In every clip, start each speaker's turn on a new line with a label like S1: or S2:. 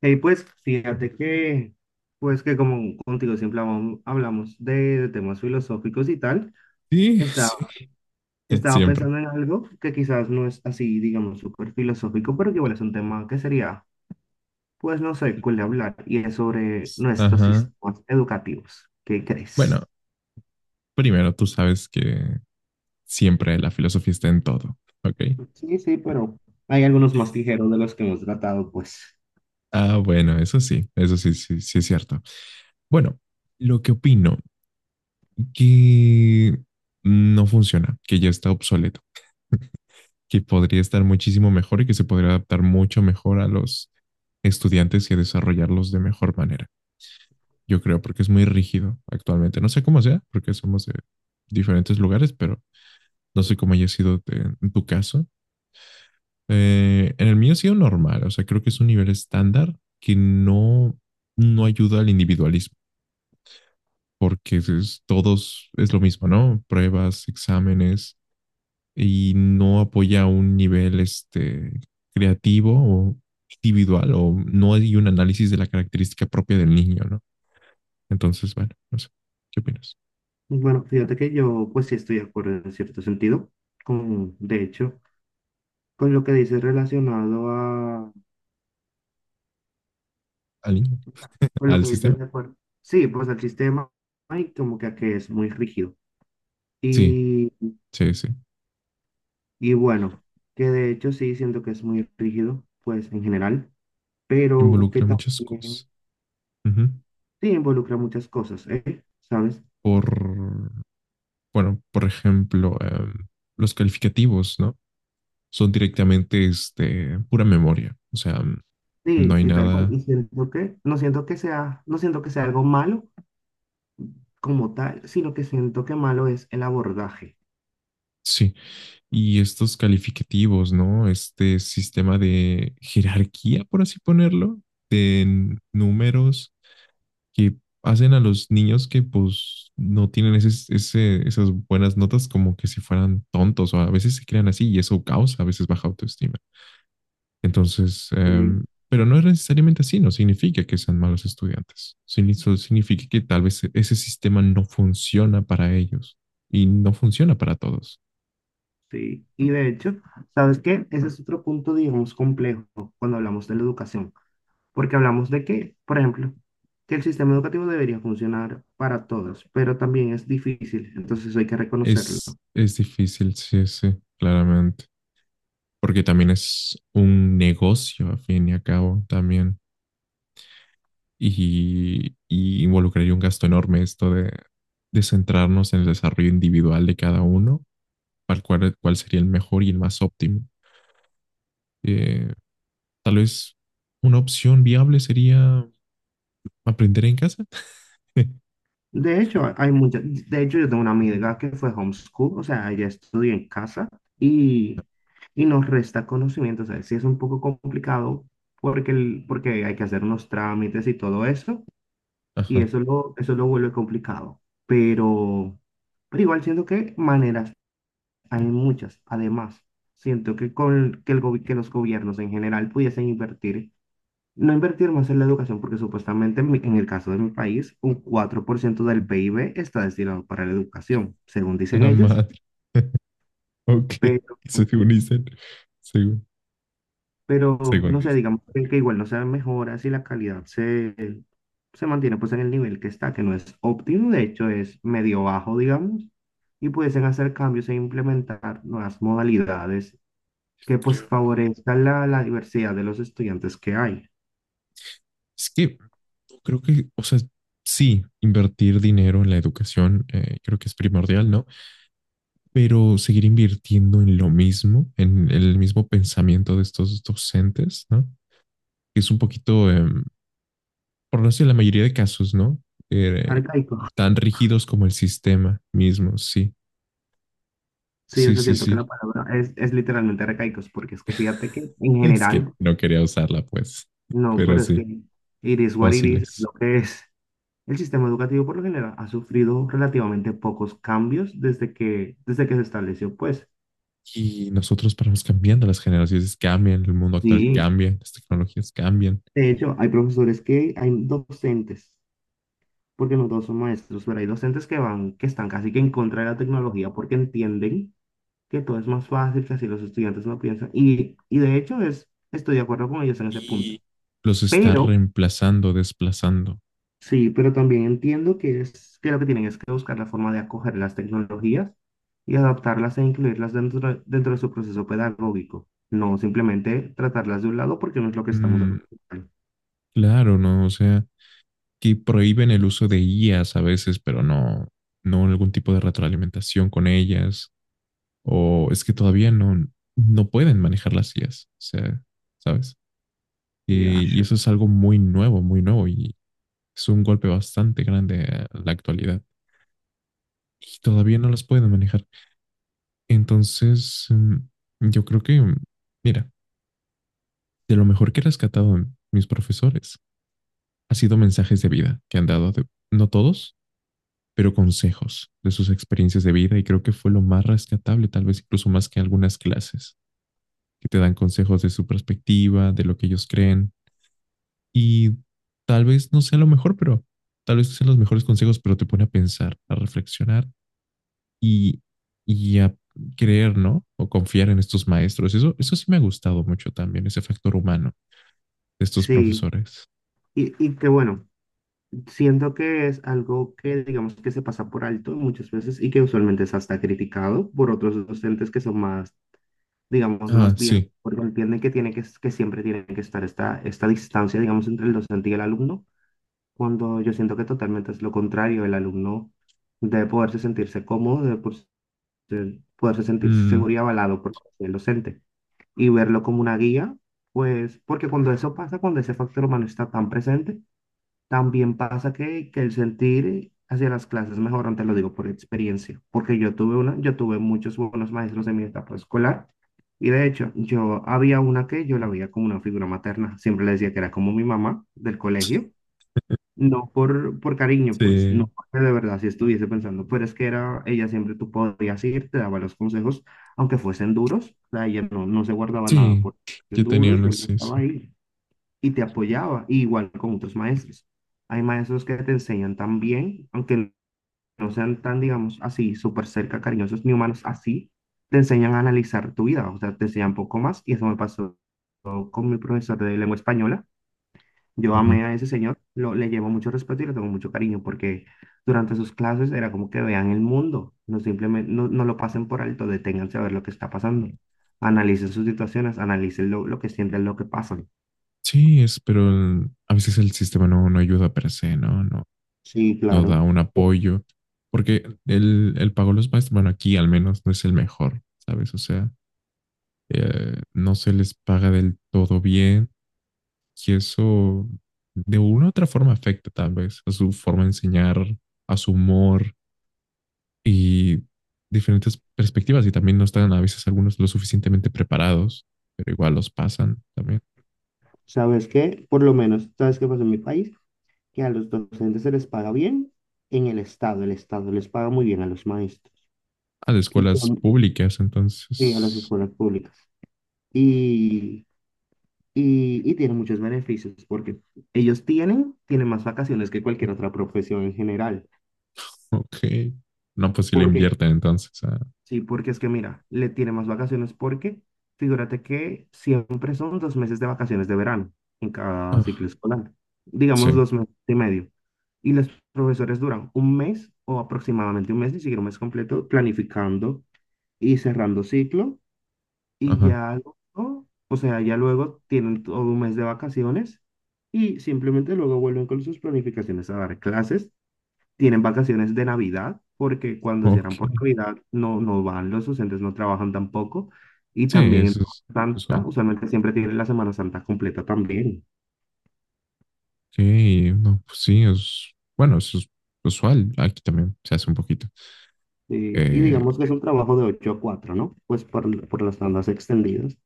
S1: Y pues fíjate que, pues que como contigo siempre hablamos de temas filosóficos y tal,
S2: Sí, sí,
S1: estaba, estaba
S2: siempre.
S1: pensando en algo que quizás no es así, digamos, súper filosófico, pero que igual es un tema que sería, pues no sé, cuál hablar, y es sobre nuestros
S2: Ajá.
S1: sistemas educativos. ¿Qué
S2: Bueno,
S1: crees?
S2: primero tú sabes que siempre la filosofía está en todo, ¿ok?
S1: Sí, sí, pero hay algunos más ligeros de los que hemos tratado, pues.
S2: Ah, bueno, eso sí, sí, sí es cierto. Bueno, lo que opino, que no funciona, que ya está obsoleto, que podría estar muchísimo mejor y que se podría adaptar mucho mejor a los estudiantes y desarrollarlos de mejor manera. Yo creo, porque es muy rígido actualmente. No sé cómo sea, porque somos de diferentes lugares, pero no sé cómo haya sido en tu caso. En el mío ha sido normal, o sea, creo que es un nivel estándar que no ayuda al individualismo, porque es, todos es lo mismo, ¿no? Pruebas, exámenes, y no apoya un nivel este, creativo o individual, o no hay un análisis de la característica propia del niño, ¿no? Entonces, bueno, no sé, ¿qué opinas?
S1: Bueno, fíjate que yo, pues sí estoy de acuerdo en cierto sentido, con, de hecho, con lo que dices relacionado a.
S2: ¿Al niño?
S1: Con lo
S2: ¿Al
S1: que dices,
S2: sistema?
S1: de acuerdo. Sí, pues el sistema hay como que es muy rígido.
S2: Sí,
S1: Y,
S2: sí, sí.
S1: y bueno, que de hecho sí siento que es muy rígido, pues en general, pero que
S2: Involucra muchas
S1: también
S2: cosas. Ujú.
S1: sí involucra muchas cosas, ¿eh? ¿Sabes?
S2: Por Bueno, por ejemplo, los calificativos, ¿no? Son directamente este, pura memoria, o sea, no
S1: Sí,
S2: hay
S1: y tal cual.
S2: nada.
S1: Y siento que, no siento que sea algo malo como tal, sino que siento que malo es el abordaje.
S2: Sí, y estos calificativos, ¿no? Este sistema de jerarquía, por así ponerlo, de números que hacen a los niños que pues no tienen esas buenas notas como que si fueran tontos o a veces se crean así y eso causa a veces baja autoestima. Entonces,
S1: Sí,
S2: pero no es necesariamente así, no significa que sean malos estudiantes. Solo significa que tal vez ese sistema no funciona para ellos y no funciona para todos.
S1: sí. Y de hecho, ¿sabes qué? Ese es otro punto, digamos, complejo cuando hablamos de la educación. Porque hablamos de que, por ejemplo, que el sistema educativo debería funcionar para todos, pero también es difícil, entonces hay que reconocerlo.
S2: Es difícil, sí, sí, claramente, porque también es un negocio a fin y a cabo también y, involucraría un gasto enorme esto de centrarnos en el desarrollo individual de cada uno, para cuál sería el mejor y el más óptimo. Eh, Tal vez una opción viable sería aprender en casa.
S1: De hecho, hay mucha, de hecho, yo tengo una amiga que fue homeschool, o sea, ella estudió en casa y, y nos resta conocimiento, o sea, sí es un poco complicado porque, porque hay que hacer unos trámites y todo eso,
S2: Ajá,
S1: y eso lo vuelve complicado, pero, pero igual siento que maneras hay muchas. Además, siento que, con, que, el, gobi- que los gobiernos en general pudiesen invertir, no invertir más en la educación, porque supuestamente en el caso de mi país, un 4% del PIB está destinado para la educación, según dicen
S2: la
S1: ellos,
S2: madre. Ok,
S1: pero,
S2: eso según dicen. Según,
S1: pero
S2: según
S1: no sé,
S2: dicen.
S1: digamos que igual no se dan mejoras y se mantiene pues en el nivel que está, que no es óptimo, de hecho es medio bajo, digamos, y pudiesen hacer cambios e implementar nuevas modalidades que pues
S2: Creo.
S1: favorezca la diversidad de los estudiantes que hay.
S2: Es que no creo que, o sea, sí, invertir dinero en la educación creo que es primordial, ¿no? Pero seguir invirtiendo en lo mismo, en el mismo pensamiento de estos docentes, ¿no? Es un poquito, por no decir la mayoría de casos, ¿no? Eh,
S1: Arcaico.
S2: Tan rígidos como el sistema mismo, sí.
S1: Sí, yo
S2: Sí, sí,
S1: siento que la
S2: sí.
S1: palabra es literalmente arcaicos, porque es que fíjate que en
S2: Es que
S1: general,
S2: no quería usarla, pues.
S1: no,
S2: Pero
S1: pero es que
S2: sí,
S1: it is what it is, es
S2: fósiles.
S1: lo que es. El sistema educativo por lo general ha sufrido relativamente pocos cambios desde que se estableció, pues.
S2: Y nosotros vamos cambiando, las generaciones cambian, el mundo actual
S1: Sí,
S2: cambia, las tecnologías cambian
S1: de hecho, hay docentes, porque no todos son maestros, pero hay docentes que van, que están casi que en contra de la tecnología porque entienden que todo es más fácil, que así los estudiantes no piensan. Y de hecho es, estoy de acuerdo con ellos en ese punto.
S2: y los está
S1: Pero,
S2: reemplazando, desplazando.
S1: sí, pero también entiendo que es que lo que tienen es que buscar la forma de acoger las tecnologías y adaptarlas e incluirlas dentro de su proceso pedagógico. No simplemente tratarlas de un lado porque no es lo que estamos
S2: Mm,
S1: acostumbrados.
S2: claro, ¿no? O sea, que prohíben el uso de IAs a veces, pero no algún tipo de retroalimentación con ellas. O es que todavía no, no pueden manejar las IAs. O sea, ¿sabes?
S1: Yeah,
S2: Y
S1: sure.
S2: eso es algo muy nuevo, muy nuevo. Y es un golpe bastante grande a la actualidad y todavía no las pueden manejar. Entonces, yo creo que, mira, de lo mejor que he rescatado en mis profesores ha sido mensajes de vida que han dado, no todos, pero consejos de sus experiencias de vida y creo que fue lo más rescatable, tal vez incluso más que algunas clases, que te dan consejos de su perspectiva, de lo que ellos creen y tal vez no sea lo mejor, pero tal vez no sean los mejores consejos, pero te pone a pensar, a reflexionar y, y a creer, ¿no? O confiar en estos maestros. Eso sí me ha gustado mucho también, ese factor humano de estos
S1: Sí.
S2: profesores.
S1: Y que bueno, siento que es algo que digamos que se pasa por alto muchas veces y que usualmente es hasta criticado por otros docentes que son más, digamos,
S2: Ah,
S1: más viejos,
S2: sí.
S1: porque entienden que, tiene que siempre tiene que estar esta distancia, digamos, entre el docente y el alumno, cuando yo siento que totalmente es lo contrario, el alumno debe poderse sentirse cómodo, poderse sentirse
S2: Mm,
S1: seguro y avalado por el docente y verlo como una guía, pues porque cuando eso pasa, cuando ese factor humano está tan presente, también pasa que el sentir hacia las clases mejor te lo digo por experiencia, porque yo tuve muchos buenos maestros en mi etapa escolar, y de hecho yo había una que yo la veía como una figura materna, siempre le decía que era como mi mamá del colegio, no por, por cariño, pues, no
S2: sí.
S1: porque de verdad si estuviese pensando, pero es que era, ella siempre tú podías ir, te daba los consejos, aunque fuesen duros, o sea, ella no, no se guardaba nada
S2: Sí,
S1: por
S2: yo
S1: duro,
S2: tenía
S1: y
S2: una,
S1: siempre
S2: sí, sí.
S1: estaba ahí y te apoyaba, y igual con otros maestros. Hay maestros que te enseñan tan bien, aunque no sean tan, digamos, así, súper cerca, cariñosos ni humanos, así, te enseñan a analizar tu vida, o sea, te enseñan poco más, y eso me pasó con mi profesor de lengua española. Yo
S2: Ajá.
S1: amé a ese señor, le llevo mucho respeto y le tengo mucho cariño, porque durante sus clases era como que vean el mundo, no simplemente, no lo pasen por alto, deténganse a ver lo que está pasando, analicen sus situaciones, analicen lo que sienten, lo que pasan.
S2: Sí, es, pero a veces el sistema no ayuda per se, ¿no? No,
S1: Sí,
S2: no da
S1: claro.
S2: un apoyo. Porque el pago a los maestros, bueno, aquí al menos no es el mejor, ¿sabes? O sea, no se les paga del todo bien. Y eso de una u otra forma afecta tal vez a su forma de enseñar, a su humor y diferentes perspectivas. Y también no están a veces algunos lo suficientemente preparados, pero igual los pasan también
S1: ¿Sabes qué? Por lo menos, ¿sabes qué pasa en mi país? Que a los docentes se les paga bien en el Estado. El Estado les paga muy bien a los maestros
S2: a de
S1: y,
S2: escuelas
S1: con-
S2: públicas.
S1: y a las
S2: Entonces,
S1: escuelas públicas. Y, y tienen muchos beneficios porque tienen más vacaciones que cualquier otra profesión en general.
S2: ok. No, pues si le
S1: ¿Por qué?
S2: invierten entonces a...
S1: Sí, porque es que mira, le tiene más vacaciones porque figúrate que siempre son 2 meses de vacaciones de verano en cada
S2: ah,
S1: ciclo escolar, digamos
S2: sí,
S1: 2 meses y medio. Y los profesores duran un mes o aproximadamente un mes, ni siquiera un mes completo, planificando y cerrando ciclo. Y
S2: ajá,
S1: ya luego, o sea, ya luego tienen todo un mes de vacaciones y simplemente luego vuelven con sus planificaciones a dar clases. Tienen vacaciones de Navidad, porque cuando
S2: ok.
S1: cierran por Navidad no van los docentes, no trabajan tampoco. Y
S2: Sí,
S1: también en
S2: eso es
S1: Semana Santa,
S2: usual.
S1: usualmente siempre tienen la Semana Santa completa también.
S2: Ok, no, pues sí, es... Bueno, eso es usual. Aquí también se hace un poquito.
S1: Y
S2: Eh,
S1: digamos que es un trabajo de 8 a 4, ¿no? Pues por las tandas extendidas.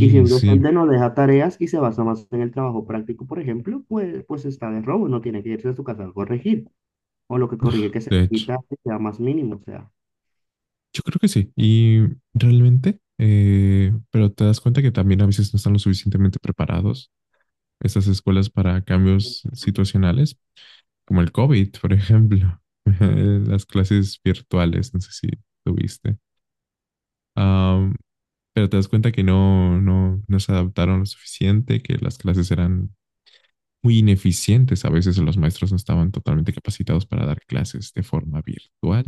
S1: Y si un
S2: sí.
S1: docente no deja tareas y se basa más en el trabajo práctico, por ejemplo, pues, pues está de robo, no tiene que irse a su casa a corregir. O lo que corrige que se
S2: De hecho,
S1: quita que sea más mínimo, o sea.
S2: yo creo que sí. Y realmente, pero te das cuenta que también a veces no están lo suficientemente preparados estas escuelas para cambios situacionales, como el COVID, por ejemplo, las clases virtuales, no sé si tuviste. Am, pero te das cuenta que no se adaptaron lo suficiente, que las clases eran muy ineficientes. A veces los maestros no estaban totalmente capacitados para dar clases de forma virtual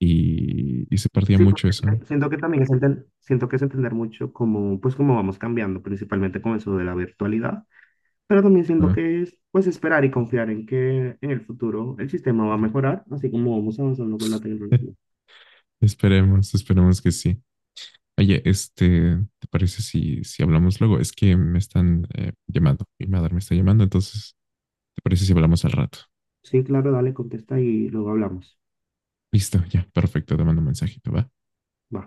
S2: y se perdía
S1: Sí, porque
S2: mucho
S1: es
S2: eso.
S1: que siento que también es entender, siento que es entender mucho cómo, pues cómo vamos cambiando, principalmente con eso de la virtualidad, pero también siento
S2: ¿No?
S1: que es pues esperar y confiar en que en el futuro el sistema va a mejorar, así como vamos avanzando con la tecnología.
S2: Esperemos, esperemos que sí. Oye, este, ¿te parece si, si hablamos luego? Es que me están llamando, mi madre me está llamando, entonces, ¿te parece si hablamos al rato?
S1: Sí, claro, dale, contesta y luego hablamos.
S2: Listo, ya, perfecto, te mando un mensajito, ¿va?
S1: Va.